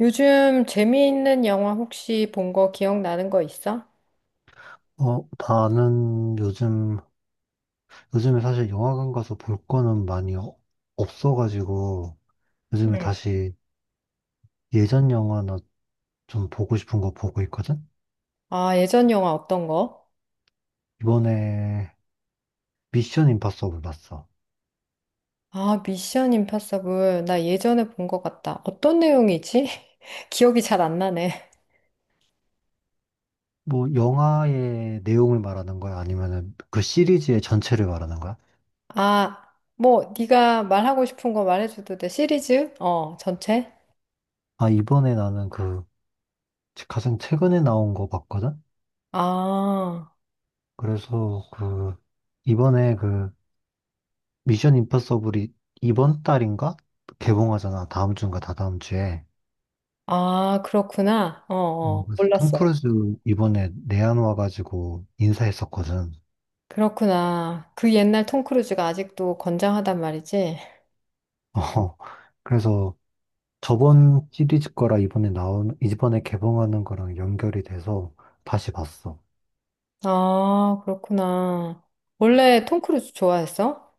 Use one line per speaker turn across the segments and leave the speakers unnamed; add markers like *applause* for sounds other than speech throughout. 요즘 재미있는 영화 혹시 본 거 기억나는 거 있어?
나는 요즘에 사실 영화관 가서 볼 거는 많이 없어가지고, 요즘에
응.
다시 예전 영화나 좀 보고 싶은 거 보고 있거든?
아, 예전 영화 어떤 거?
이번에 미션 임파서블 봤어.
아, 미션 임파서블. 나 예전에 본 것 같다. 어떤 내용이지? *laughs* 기억이 잘 안 나네.
뭐, 영화의 내용을 말하는 거야? 아니면은 그 시리즈의 전체를 말하는 거야?
아, 뭐 네가 말하고 싶은 거 말해줘도 돼. 시리즈? 어, 전체?
아, 이번에 나는 그 가장 최근에 나온 거 봤거든?
아,
그래서 그, 이번에 그 미션 임파서블이 이번 달인가? 개봉하잖아. 다음 주인가 다다음 주에.
아, 그렇구나. 어,
뭐,
어,
그래서 톰
몰랐어.
크루즈 이번에 내한 와가지고 인사했었거든.
그렇구나. 그 옛날 톰 크루즈가 아직도 건장하단 말이지?
*laughs* 어, 그래서 저번 시리즈 거랑 이번에 나온, 이번에 개봉하는 거랑 연결이 돼서 다시 봤어.
아, 그렇구나. 원래 톰 크루즈 좋아했어?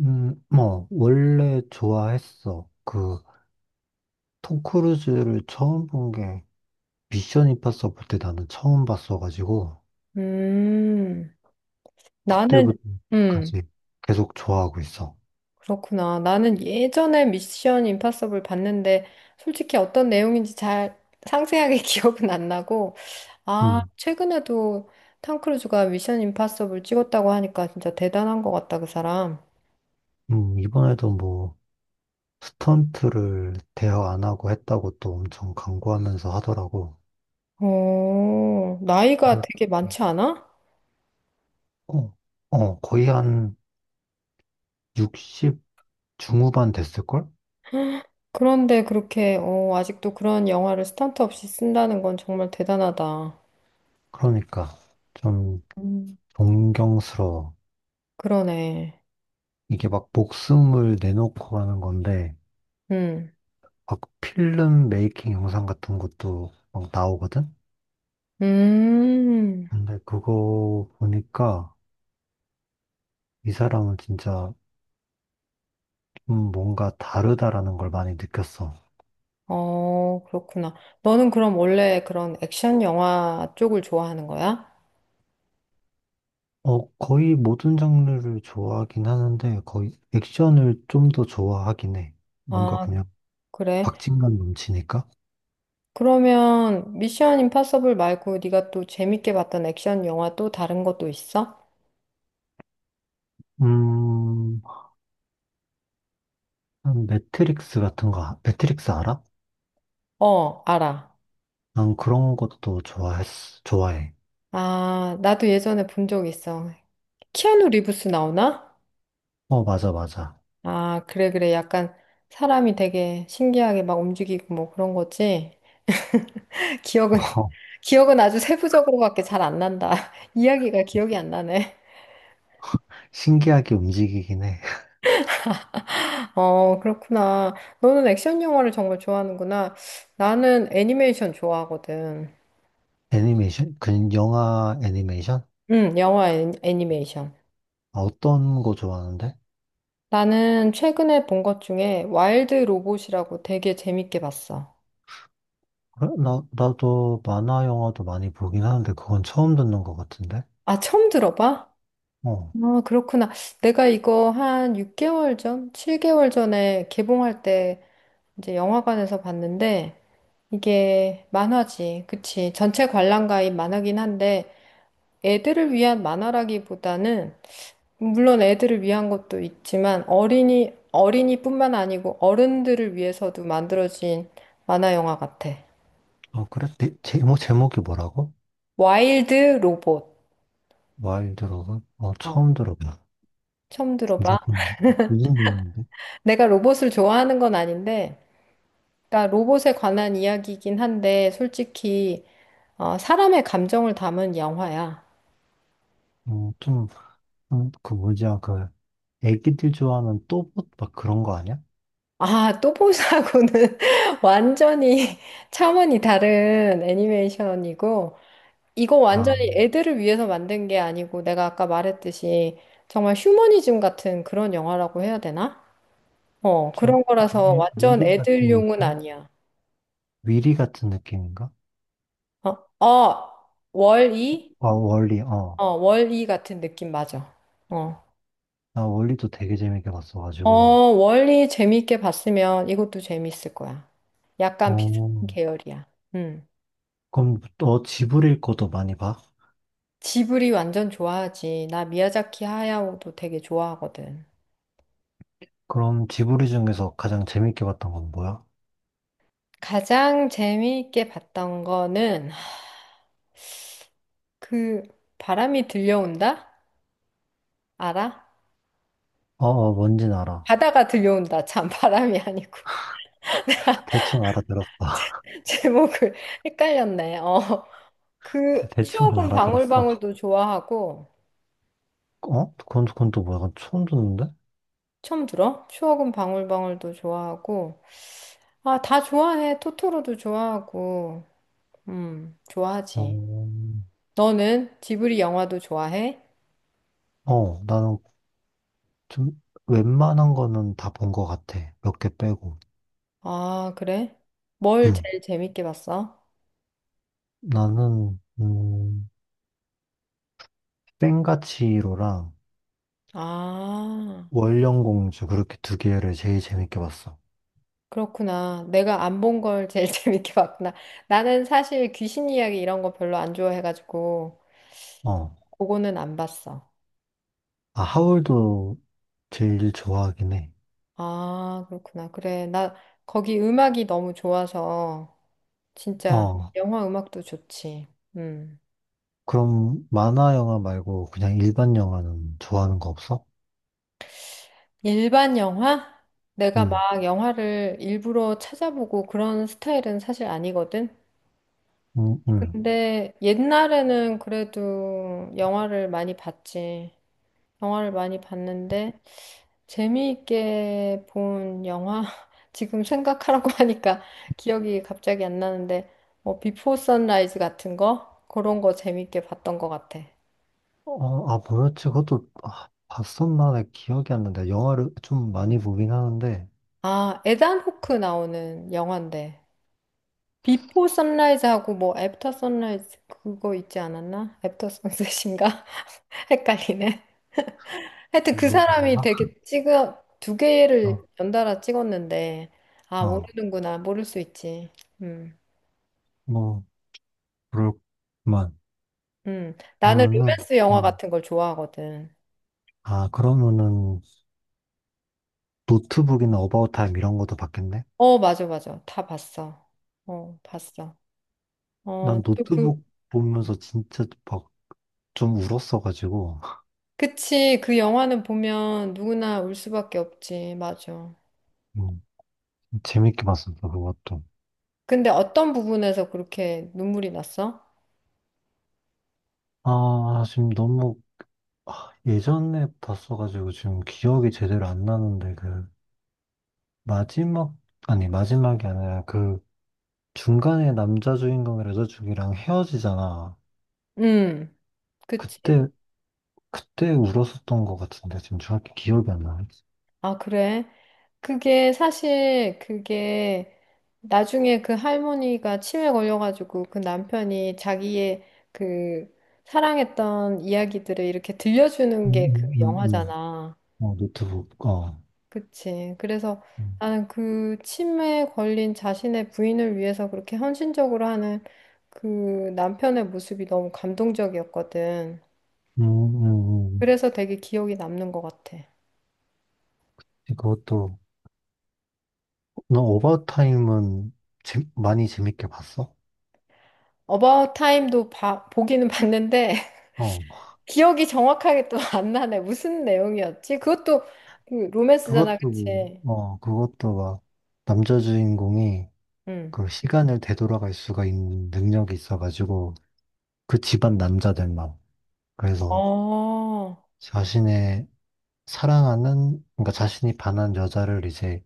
뭐, 원래 좋아했어. 그, 톰 크루즈를 처음 본 게 미션 임파서블 때 나는 처음 봤어가지고,
음, 나는, 음,
그때부터까지 계속 좋아하고 있어.
그렇구나. 나는 예전에 미션 임파서블 봤는데, 솔직히 어떤 내용인지 잘 상세하게 *laughs* 기억은 안 나고, 아,
음,
최근에도 탐 크루즈가 미션 임파서블 찍었다고 하니까 진짜 대단한 것 같다, 그 사람.
이번에도 뭐, 스턴트를 대여 안 하고 했다고 또 엄청 강구하면서 하더라고.
오 나이가
근데
되게 많지 않아?
어, 거의 한 60 중후반 됐을걸?
그런데 그렇게, 어, 아직도 그런 영화를 스턴트 없이 쓴다는 건 정말 대단하다.
그러니까 좀
음.
존경스러워.
그러네.
이게 막 목숨을 내놓고 하는 건데,
음,
막 필름 메이킹 영상 같은 것도 막 나오거든?
음.
근데 그거 보니까 이 사람은 진짜 좀 뭔가 다르다라는 걸 많이 느꼈어.
어, 그렇구나. 너는 그럼 원래 그런 액션 영화 쪽을 좋아하는 거야?
거의 모든 장르를 좋아하긴 하는데, 거의 액션을 좀 더 좋아하긴 해. 뭔가
아,
그냥
그래.
박진감 넘치니까.
그러면 미션 임파서블 말고 네가 또 재밌게 봤던 액션 영화 또 다른 것도 있어?
음, 한 매트릭스 같은 거, 매트릭스 알아?
어, 알아.
난 그런 것도 좋아해.
아, 나도 예전에 본 적 있어. 키아누 리브스 나오나?
어, 맞아, 맞아.
아, 그래, 그래. 약간 사람이 되게 신기하게 막 움직이고 뭐 그런 거지. *laughs*
어,
기억은,
*laughs*
*laughs* 기억은 아주 세부적으로밖에 잘 안 난다. *laughs* 이야기가 기억이 안 나네.
신기하게 움직이긴 해. *laughs*
어, 그렇구나. 너는 액션 영화를 정말 좋아하는구나. 나는 애니메이션 좋아하거든.
애니메이션? 그 영화 애니메이션?
응, 영화 애니메이션.
아, 어떤 거 좋아하는데?
나는 최근에 본 것 중에 와일드 로봇이라고 되게 재밌게 봤어.
그래? 나도 만화 영화도 많이 보긴 하는데, 그건 처음 듣는 것 같은데?
아, 처음 들어봐?
어.
아, 그렇구나. 내가 이거 한 6개월 전, 7개월 전에 개봉할 때 이제 영화관에서 봤는데 이게 만화지. 그치. 전체 관람가인 만화긴 한데 애들을 위한 만화라기보다는 물론 애들을 위한 것도 있지만 어린이뿐만 아니고 어른들을 위해서도 만들어진 만화 영화 같아.
어, 그래? 네, 제목이 뭐라고?
와일드 로봇. 어.
처음 들어봐.
처음
근데
들어봐.
좀, 무슨 의미인데?
내가 로봇을 좋아하는 건 아닌데, 그러니까 로봇에 관한 이야기이긴 한데, 솔직히, 어, 사람의 감정을 담은 영화야.
좀, 그 뭐지야, 그, 애기들 좋아하는 또봇 막 그런 거 아니야?
아, 또보사하고는 *laughs* 완전히 *laughs* 차원이 다른 애니메이션이고, 이거
아,
완전히 애들을 위해서 만든 게 아니고 내가 아까 말했듯이 정말 휴머니즘 같은 그런 영화라고 해야 되나? 어,
좀,
그런 거라서
위,
완전
위리 같은
애들용은
느낌?
아니야.
위리 같은 느낌인가?
어, 어, 월이?
아, 월리, 어.
어, 월이 같은 느낌 맞아. 어,
나 월리도 되게 재밌게
어,
봤어가지고.
월이 재밌게 봤으면 이것도 재밌을 거야. 약간 비슷한
어,
계열이야. 음.
그럼 너 지브리 것도 많이 봐?
지브리 완전 좋아하지. 나 미야자키 하야오도 되게 좋아하거든.
그럼 지브리 중에서 가장 재밌게 봤던 건 뭐야?
가장 재미있게 봤던 거는 그 바람이 들려온다? 알아?
어, 어, 뭔진 알아.
바다가 들려온다. 참 바람이 아니고
대충 알아들었어. *laughs*
*laughs* 제목을 헷갈렸네. 어.
대-
그
대충은
추억은
알아들었어.
방울방울도 좋아하고
어? 그건 또 뭐야? 약간 처음 듣는데?
처음 들어? 추억은 방울방울도 좋아하고 아, 다 좋아해. 토토로도 좋아하고. 좋아하지.
어,
너는 지브리 영화도 좋아해?
어, 나는 좀 웬만한 거는 다 본 것 같아. 몇 개 빼고.
아, 그래? 뭘
음,
제일 재밌게 봤어?
나는 센가치로랑
아.
월령공주 그렇게 2개를 제일 재밌게 봤어.
그렇구나. 내가 안 본 걸 제일 *laughs* 재밌게 봤구나. 나는 사실 귀신 이야기 이런 거 별로 안 좋아해가지고
어,
그거는 안 봤어.
아, 하울도 제일 좋아하긴 해.
아, 그렇구나. 그래. 나 거기 음악이 너무 좋아서 진짜
어,
영화 음악도 좋지. 음.
그럼 만화 영화 말고 그냥 일반 영화는 좋아하는 거 없어?
일반 영화? 내가
응,
막 영화를 일부러 찾아보고 그런 스타일은 사실 아니거든.
응, 응.
근데 옛날에는 그래도 영화를 많이 봤지. 영화를 많이 봤는데 재미있게 본 영화 *laughs* 지금 생각하라고 하니까 기억이 갑자기 안 나는데 뭐 비포 선라이즈 같은 거 그런 거 재미있게 봤던 것 같아.
어, 아, 뭐였지? 그것도 아, 봤었나에 기억이 안 나는데 영화를 좀 많이 보긴 하는데
아, 에단 호크 나오는 영화인데 비포 선라이즈하고 뭐 애프터 선라이즈 그거 있지 않았나? 애프터 선셋인가? *laughs* 헷갈리네. 하여튼 그
그거
사람이
뭐였나?
되게 찍어 두
어,
개를 연달아 찍었는데 아
어,
모르는구나 모를 수 있지. 음.
뭐 그럴만.
나는
나는
로맨스 영화
음.
같은 걸 좋아하거든.
아, 그러면은 노트북이나 어바웃 타임 이런 것도 봤겠네?
어, 맞아, 맞아. 다 봤어. 어, 봤어. 어,
난
또 그,
노트북 보면서 진짜 막 좀 울었어가지고
그치. 그 영화는 보면 누구나 울 수밖에 없지. 맞아.
음, 재밌게 봤었어 그것도.
근데 어떤 부분에서 그렇게 눈물이 났어?
아, 지금 너무 아, 예전에 봤어가지고 지금 기억이 제대로 안 나는데 그 마지막, 아니, 마지막이 아니라 그 중간에 남자 주인공이 여자 주인공이랑 헤어지잖아.
음, 그치.
그때, 그때 울었었던 것 같은데, 지금 정확히 기억이 안 나.
아, 그래? 그게 사실 그게 나중에 그 할머니가 치매 걸려가지고 그 남편이 자기의 그 사랑했던 이야기들을 이렇게
음,
들려주는 게 그
음, 음,
영화잖아.
어, 노트북, 어.
그치? 그래서
음,
나는 그 치매에 걸린 자신의 부인을 위해서 그렇게 헌신적으로 하는 그 남편의 모습이 너무 감동적이었거든.
음, 음.
그래서 되게 기억이 남는 것 같아.
그것도, 너 오버타임은 많이 재밌게 봤어?
어바웃 타임도 보기는 봤는데
어.
기억이 정확하게 또 *laughs* 안 나네. 무슨 내용이었지? 그것도 그 로맨스잖아,
그것도,
그치?
뭐, 그것도 막, 남자 주인공이
응.
그 시간을 되돌아갈 수가 있는 능력이 있어가지고, 그 집안 남자들만. 그래서,
어,
자신의 사랑하는, 그러니까 자신이 반한 여자를 이제,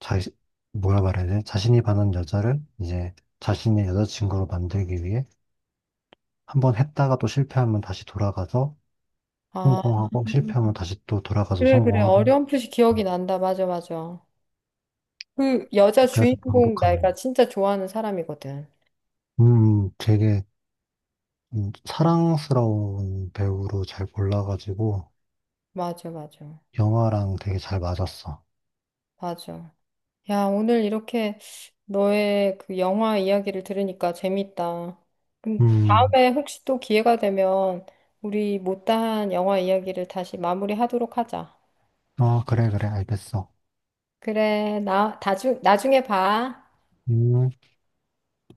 자, 뭐라 말해야 돼? 자신이 반한 여자를 이제 자신의 여자친구로 만들기 위해 한 번 했다가 또 실패하면 다시 돌아가서
아,
성공하고, 실패하면 다시 또 돌아가서
그래, 그래.
성공하고,
어렴풋이 기억이 난다. 맞아, 맞아. 그 여자
그래서
주인공
반복하는
내가
거.
진짜 좋아하는 사람이거든.
되게 사랑스러운 배우로 잘 골라가지고,
맞아, 맞아.
영화랑 되게 잘 맞았어.
맞아. 야, 오늘 이렇게 너의 그 영화 이야기를 들으니까 재밌다. 그럼
음,
다음에 혹시 또 기회가 되면 우리 못다한 영화 이야기를 다시 마무리하도록 하자.
어, 그래, 그래, 알겠어.
그래, 나중에 봐.
음.